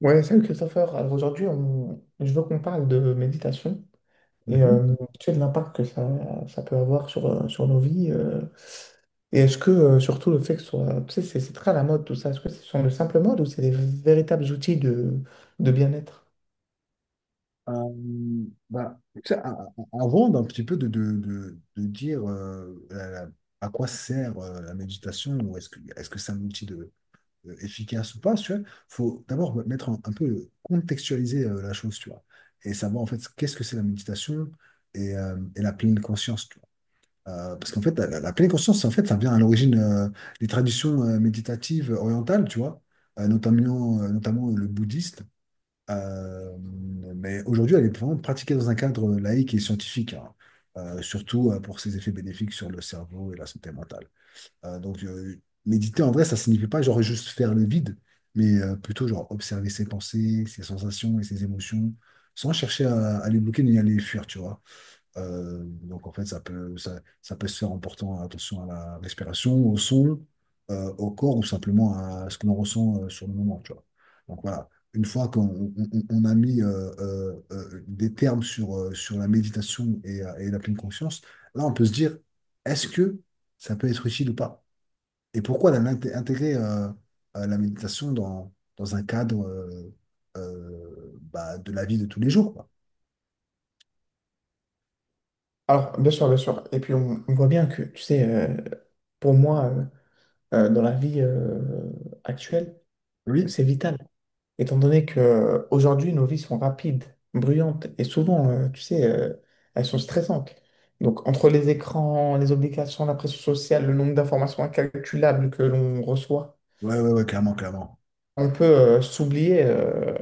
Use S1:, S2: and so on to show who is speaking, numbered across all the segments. S1: Ouais, salut Christopher. Alors aujourd'hui, je veux qu'on parle de méditation et
S2: Mhm.
S1: euh, tu sais, de l'impact que ça peut avoir sur nos vies. Et surtout, le fait que ce soit. Tu sais, c'est très à la mode tout ça. Est-ce que ce sont de simples modes ou c'est des véritables outils de bien-être?
S2: Tu sais, avant d'un petit peu de dire à quoi sert la méditation, ou est-ce que c'est un outil efficace ou pas, tu vois, faut d'abord mettre un peu contextualiser la chose, tu vois, et savoir en fait qu'est-ce que c'est la méditation et et la pleine conscience, tu vois. Parce qu'en fait, la pleine conscience, en fait, ça vient à l'origine des traditions méditatives orientales, tu vois, notamment le bouddhiste. Euh, mais aujourd'hui, elle est vraiment pratiquée dans un cadre laïque et scientifique, hein. Surtout pour ses effets bénéfiques sur le cerveau et la santé mentale. Donc, méditer en vrai, ça signifie pas genre juste faire le vide, mais plutôt genre observer ses pensées, ses sensations et ses émotions, sans chercher à les bloquer ni à les fuir, tu vois. Donc en fait, ça peut se faire en portant attention à la respiration, au son, au corps, ou simplement à ce que l'on ressent sur le moment, tu vois. Donc voilà, une fois qu'on on a mis des termes sur la méditation et et la pleine conscience, là on peut se dire, est-ce que ça peut être utile ou pas? Et pourquoi intégrer la méditation dans un cadre de la vie de tous les jours, quoi.
S1: Alors, bien sûr, bien sûr. Et puis, on voit bien que, tu sais, pour moi, dans la vie actuelle,
S2: Oui,
S1: c'est vital. Étant donné que aujourd'hui nos vies sont rapides, bruyantes et souvent, tu sais, elles sont stressantes. Donc, entre les écrans, les obligations, la pression sociale, le nombre d'informations incalculables que l'on reçoit,
S2: ouais, ouais, ouais, clairement, clairement.
S1: on peut s'oublier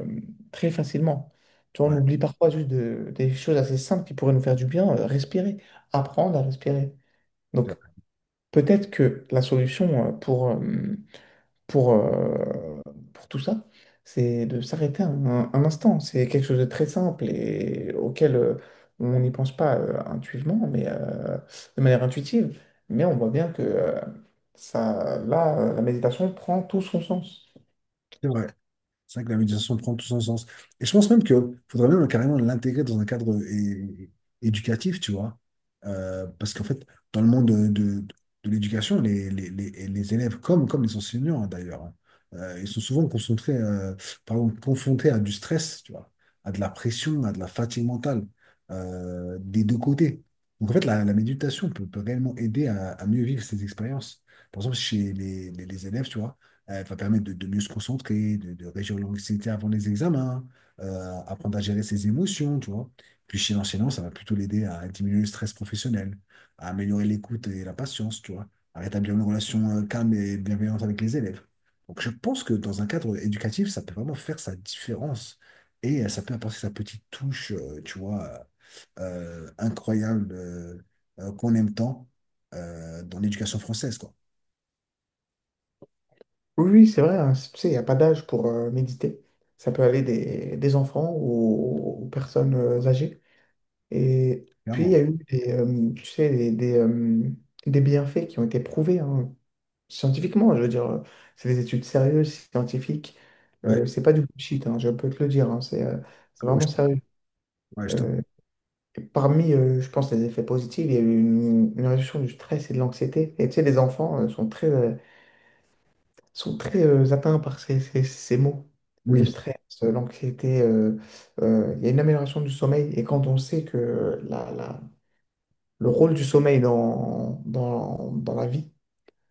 S1: très facilement. Tu vois, on
S2: Ouais.
S1: oublie parfois juste des choses assez simples qui pourraient nous faire du bien, respirer, apprendre à respirer. Donc, peut-être que la solution pour, euh, pour tout ça, c'est de s'arrêter un instant. C'est quelque chose de très simple et auquel on n'y pense pas intuitivement, mais de manière intuitive. Mais on voit bien que ça, là, la méditation prend tout son sens.
S2: C'est vrai. C'est vrai que la méditation prend tout son sens. Et je pense même que faudrait même carrément l'intégrer dans un cadre éducatif, tu vois. Parce qu'en fait, dans le monde de l'éducation, les élèves, comme les enseignants hein, d'ailleurs, hein, ils sont souvent concentrés, pardon, confrontés à du stress, tu vois, à de la pression, à de la fatigue mentale, des deux côtés. Donc en fait, la méditation peut réellement aider à mieux vivre ces expériences. Par exemple, chez les élèves, tu vois. Va permettre de mieux se concentrer, de réduire l'anxiété avant les examens, apprendre à gérer ses émotions, tu vois. Puis chez l'enchaînant, ça va plutôt l'aider à diminuer le stress professionnel, à améliorer l'écoute et la patience, tu vois, à rétablir une relation calme et bienveillante avec les élèves. Donc je pense que dans un cadre éducatif, ça peut vraiment faire sa différence, et ça peut apporter sa petite touche, tu vois, incroyable, qu'on aime tant dans l'éducation française, quoi.
S1: Oui, oui, c'est vrai, hein, tu sais, il n'y a pas d'âge pour méditer. Ça peut aller des enfants aux personnes âgées. Et puis, il y
S2: Clairement.
S1: a eu tu sais, des bienfaits qui ont été prouvés, hein. Scientifiquement, je veux dire, c'est des études sérieuses, scientifiques.
S2: Ouais,
S1: C'est pas du bullshit, hein, je peux te le dire. Hein, c'est
S2: Ouais,
S1: vraiment
S2: je
S1: sérieux.
S2: ouais, je
S1: Euh, et parmi, je pense, les effets positifs, il y a eu une réduction du stress et de l'anxiété. Et tu sais, les enfants sont très atteints par ces mots. Le
S2: Oui,
S1: stress, l'anxiété, il y a une amélioration du sommeil. Et quand on sait que le rôle du sommeil dans la vie,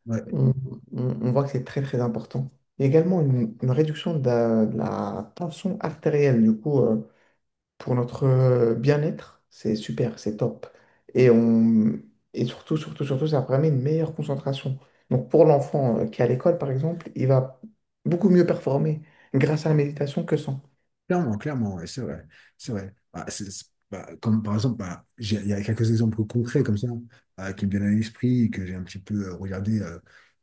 S2: ouais.
S1: on, on voit que c'est très très important. Il y a également une réduction de la tension artérielle, du coup, pour notre bien-être, c'est super, c'est top. Et, on, et surtout, surtout, surtout, ça permet une meilleure concentration. Donc pour l'enfant qui est à l'école, par exemple, il va beaucoup mieux performer grâce à la méditation que sans.
S2: Clairement, clairement, ouais, c'est vrai. C'est vrai. Comme par exemple, il y a quelques exemples concrets comme ça qui me viennent à l'esprit, et que j'ai un petit peu regardé euh,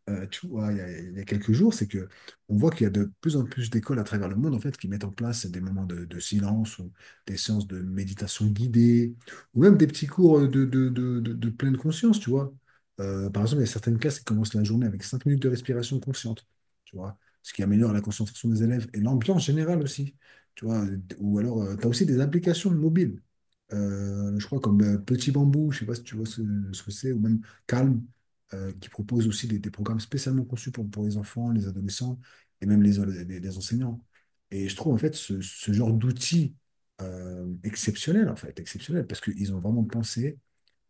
S2: euh, tu vois, il y a quelques jours, c'est que on voit qu'il y a de plus en plus d'écoles à travers le monde en fait qui mettent en place des moments de silence, ou des séances de méditation guidée, ou même des petits cours de pleine conscience, tu vois. Par exemple, il y a certaines classes qui commencent la journée avec 5 minutes de respiration consciente, tu vois, ce qui améliore la concentration des élèves et l'ambiance générale aussi. Tu vois, ou alors, tu as aussi des applications mobiles. Je crois comme Petit Bambou, je sais pas si tu vois ce que c'est, ou même Calm, qui propose aussi des programmes spécialement conçus pour les enfants, les adolescents, et même les enseignants. Et je trouve en fait ce genre d'outils exceptionnel, en fait, exceptionnel, parce qu'ils ont vraiment pensé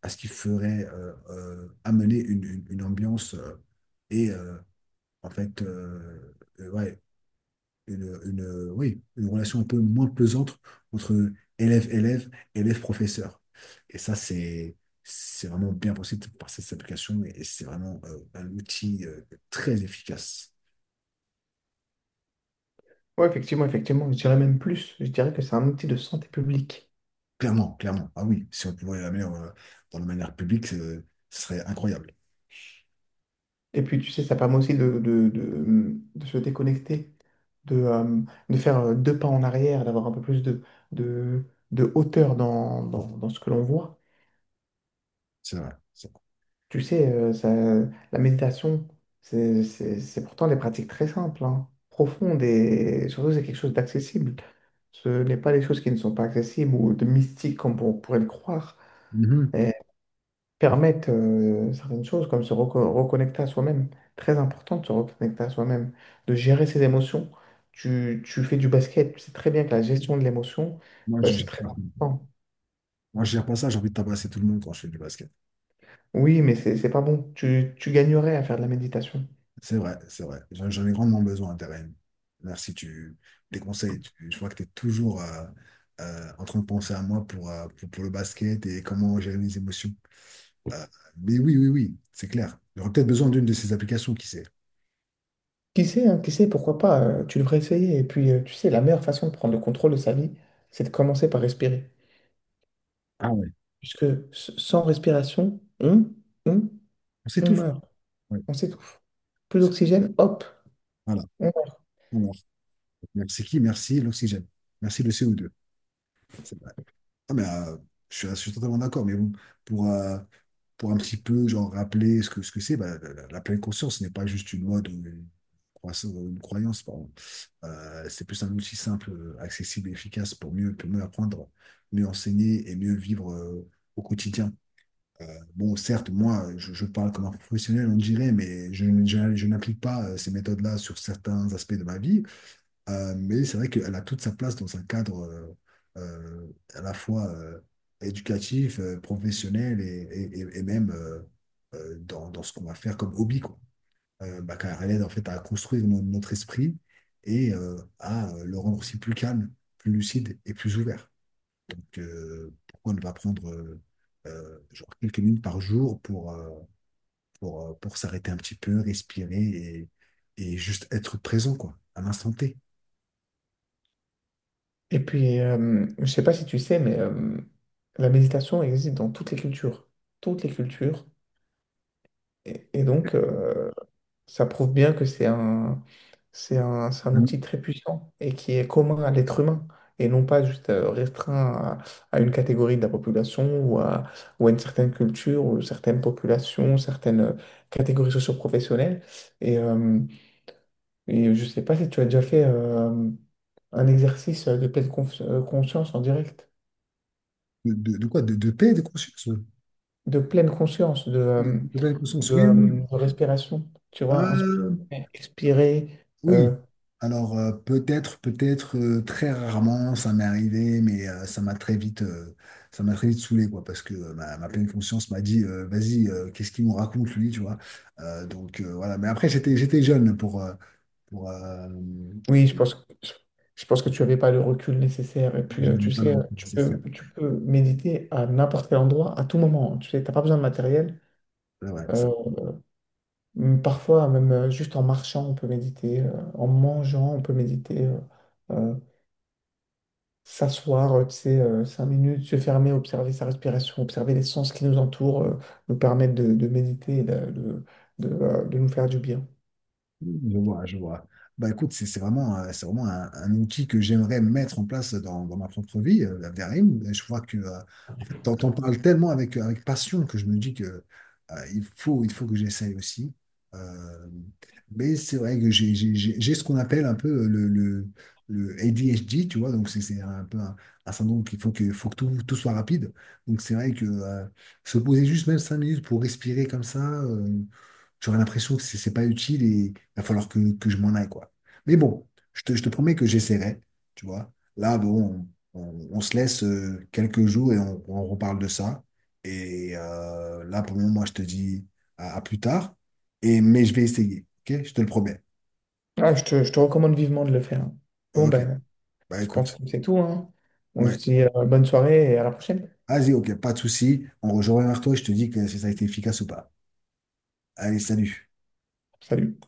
S2: à ce qui ferait amener une ambiance et en fait ouais, une, oui, une relation un peu moins pesante entre élève-élève, élève-professeur. Et ça, c'est, c'est vraiment bien possible par cette application, et c'est vraiment un outil très efficace.
S1: Oui, effectivement, effectivement, je dirais même plus. Je dirais que c'est un outil de santé publique.
S2: Clairement, clairement. Ah oui, si on pouvait la mettre dans la manière publique, ce serait incroyable.
S1: Et puis, tu sais, ça permet aussi de se déconnecter, de, euh, de faire deux pas en arrière, d'avoir un peu plus de, de hauteur dans ce que l'on voit.
S2: C'est vrai, c'est vrai.
S1: Tu sais, ça, la méditation, c'est pourtant des pratiques très simples, hein, profondes et surtout, c'est quelque chose d'accessible. Ce n'est pas des choses qui ne sont pas accessibles ou de mystiques comme on pourrait le croire.
S2: Mhm.
S1: Permettent certaines choses, comme reconnecter à soi-même. Très important de se reconnecter à soi-même, de gérer ses émotions. Tu fais du basket, tu sais très bien que la gestion de l'émotion,
S2: Moi, je,
S1: c'est
S2: gère
S1: très
S2: pas
S1: important.
S2: Moi, je gère pas ça, j'ai envie de tabasser tout le monde quand je fais du basket.
S1: Oui, mais c'est pas bon. Tu gagnerais à faire de la méditation.
S2: C'est vrai, c'est vrai. J'en ai grandement besoin, Terrain. Merci, tu, tes conseils. Je vois que tu es toujours en train de penser à moi pour le basket et comment gérer mes émotions. Euh, mais oui, oui, oui, c'est clair. J'aurais peut-être besoin d'une de ces applications, qui sait.
S1: Qui sait, hein, qui sait, pourquoi pas, tu devrais essayer. Et puis, tu sais, la meilleure façon de prendre le contrôle de sa vie, c'est de commencer par respirer.
S2: Ah ouais.
S1: Puisque sans respiration, on,
S2: On
S1: on
S2: s'étouffe.
S1: meurt.
S2: Ouais.
S1: On s'étouffe. Plus
S2: C'est-
S1: d'oxygène, hop.
S2: Voilà. Alors, merci qui? Merci l'oxygène. Merci le CO2. C'est bon. Ah, mais euh, je suis totalement d'accord, mais bon, pour, euh, pour un petit peu genre rappeler ce que c'est, bah, la pleine conscience n'est pas juste une mode ou une croyance, pardon. C'est plus un outil simple, accessible et efficace pour mieux apprendre, mieux enseigner et mieux vivre au quotidien. Euh, bon, certes, moi, je parle comme un professionnel, on dirait, mais je n'applique pas ces méthodes-là sur certains aspects de ma vie. Mais c'est vrai qu'elle a toute sa place dans un cadre euh, à la fois éducatif, professionnel, et même dans ce qu'on va faire comme hobby, quoi. Car elle aide en fait à construire notre esprit et à le rendre aussi plus calme, plus lucide et plus ouvert. Donc pourquoi ne pas prendre genre quelques minutes par jour pour s'arrêter un petit peu, respirer, et juste être présent, quoi, à l'instant T.
S1: Et puis, je sais pas si tu sais, mais la méditation existe dans toutes les cultures. Toutes les cultures. Et donc, ça prouve bien que c'est un outil très puissant et qui est commun à l'être humain et non pas juste restreint à une catégorie de la population ou à une certaine culture ou certaines populations, certaines catégories socio-professionnelles. Et, euh, et je sais pas si tu as déjà fait un exercice de conscience en direct.
S2: De quoi? De paix de conscience. Oui.
S1: De pleine conscience,
S2: De pleine conscience, oui, oui, oui.
S1: de respiration, tu vois, inspirer,
S2: Euh,
S1: expirer.
S2: oui.
S1: euh,
S2: Alors, peut-être, très rarement, ça m'est arrivé, mais ça m'a très vite saoulé, quoi, parce que ma pleine conscience m'a dit, vas-y, qu'est-ce qu'il nous raconte, lui, tu vois? Donc, voilà. Mais après, j'étais jeune pour, euh,
S1: Oui, je pense que tu n'avais pas le recul nécessaire. Et puis,
S2: je n'avais
S1: tu
S2: pas le
S1: sais,
S2: recul nécessaire.
S1: tu peux méditer à n'importe quel endroit, à tout moment. Tu sais, t'as pas besoin de matériel.
S2: Ouais, ouais.
S1: Euh, Parfois, même juste en marchant, on peut méditer. Euh, en mangeant, on peut méditer. Euh, S'asseoir, tu sais, 5 minutes, se fermer, observer sa respiration, observer les sens qui nous entourent, nous permettent de méditer et de nous faire du bien.
S2: Je vois, je vois. Bah écoute, c'est vraiment, c'est vraiment un outil que j'aimerais mettre en place dans ma propre vie, la Verim. Et je vois que, en fait, t'en parles tellement avec, avec passion, que je me dis que il faut que j'essaye aussi. Euh, mais c'est vrai que j'ai ce qu'on appelle un peu le ADHD, tu vois. Donc c'est un peu un syndrome, qu'il faut que tout soit rapide. Donc c'est vrai que se poser juste même 5 minutes pour respirer comme ça, j'aurais l'impression que c'est pas utile, il va falloir que je m'en aille, quoi. Mais bon, je te promets que j'essaierai, tu vois. Là, bon, on se laisse quelques jours et on reparle de ça. Et là, pour le moment, moi, je te dis à plus tard. Et, mais je vais essayer, ok? Je te le promets.
S1: Ah, je te recommande vivement de le faire, hein. Bon,
S2: Ok,
S1: ben,
S2: bah
S1: je pense
S2: écoute,
S1: que c'est tout, hein. On se
S2: ouais.
S1: dit, bonne soirée et à la prochaine.
S2: Vas-y, ok, pas de souci. On rejoint vers toi et je te dis que si ça a été efficace ou pas. Allez, salut.
S1: Salut.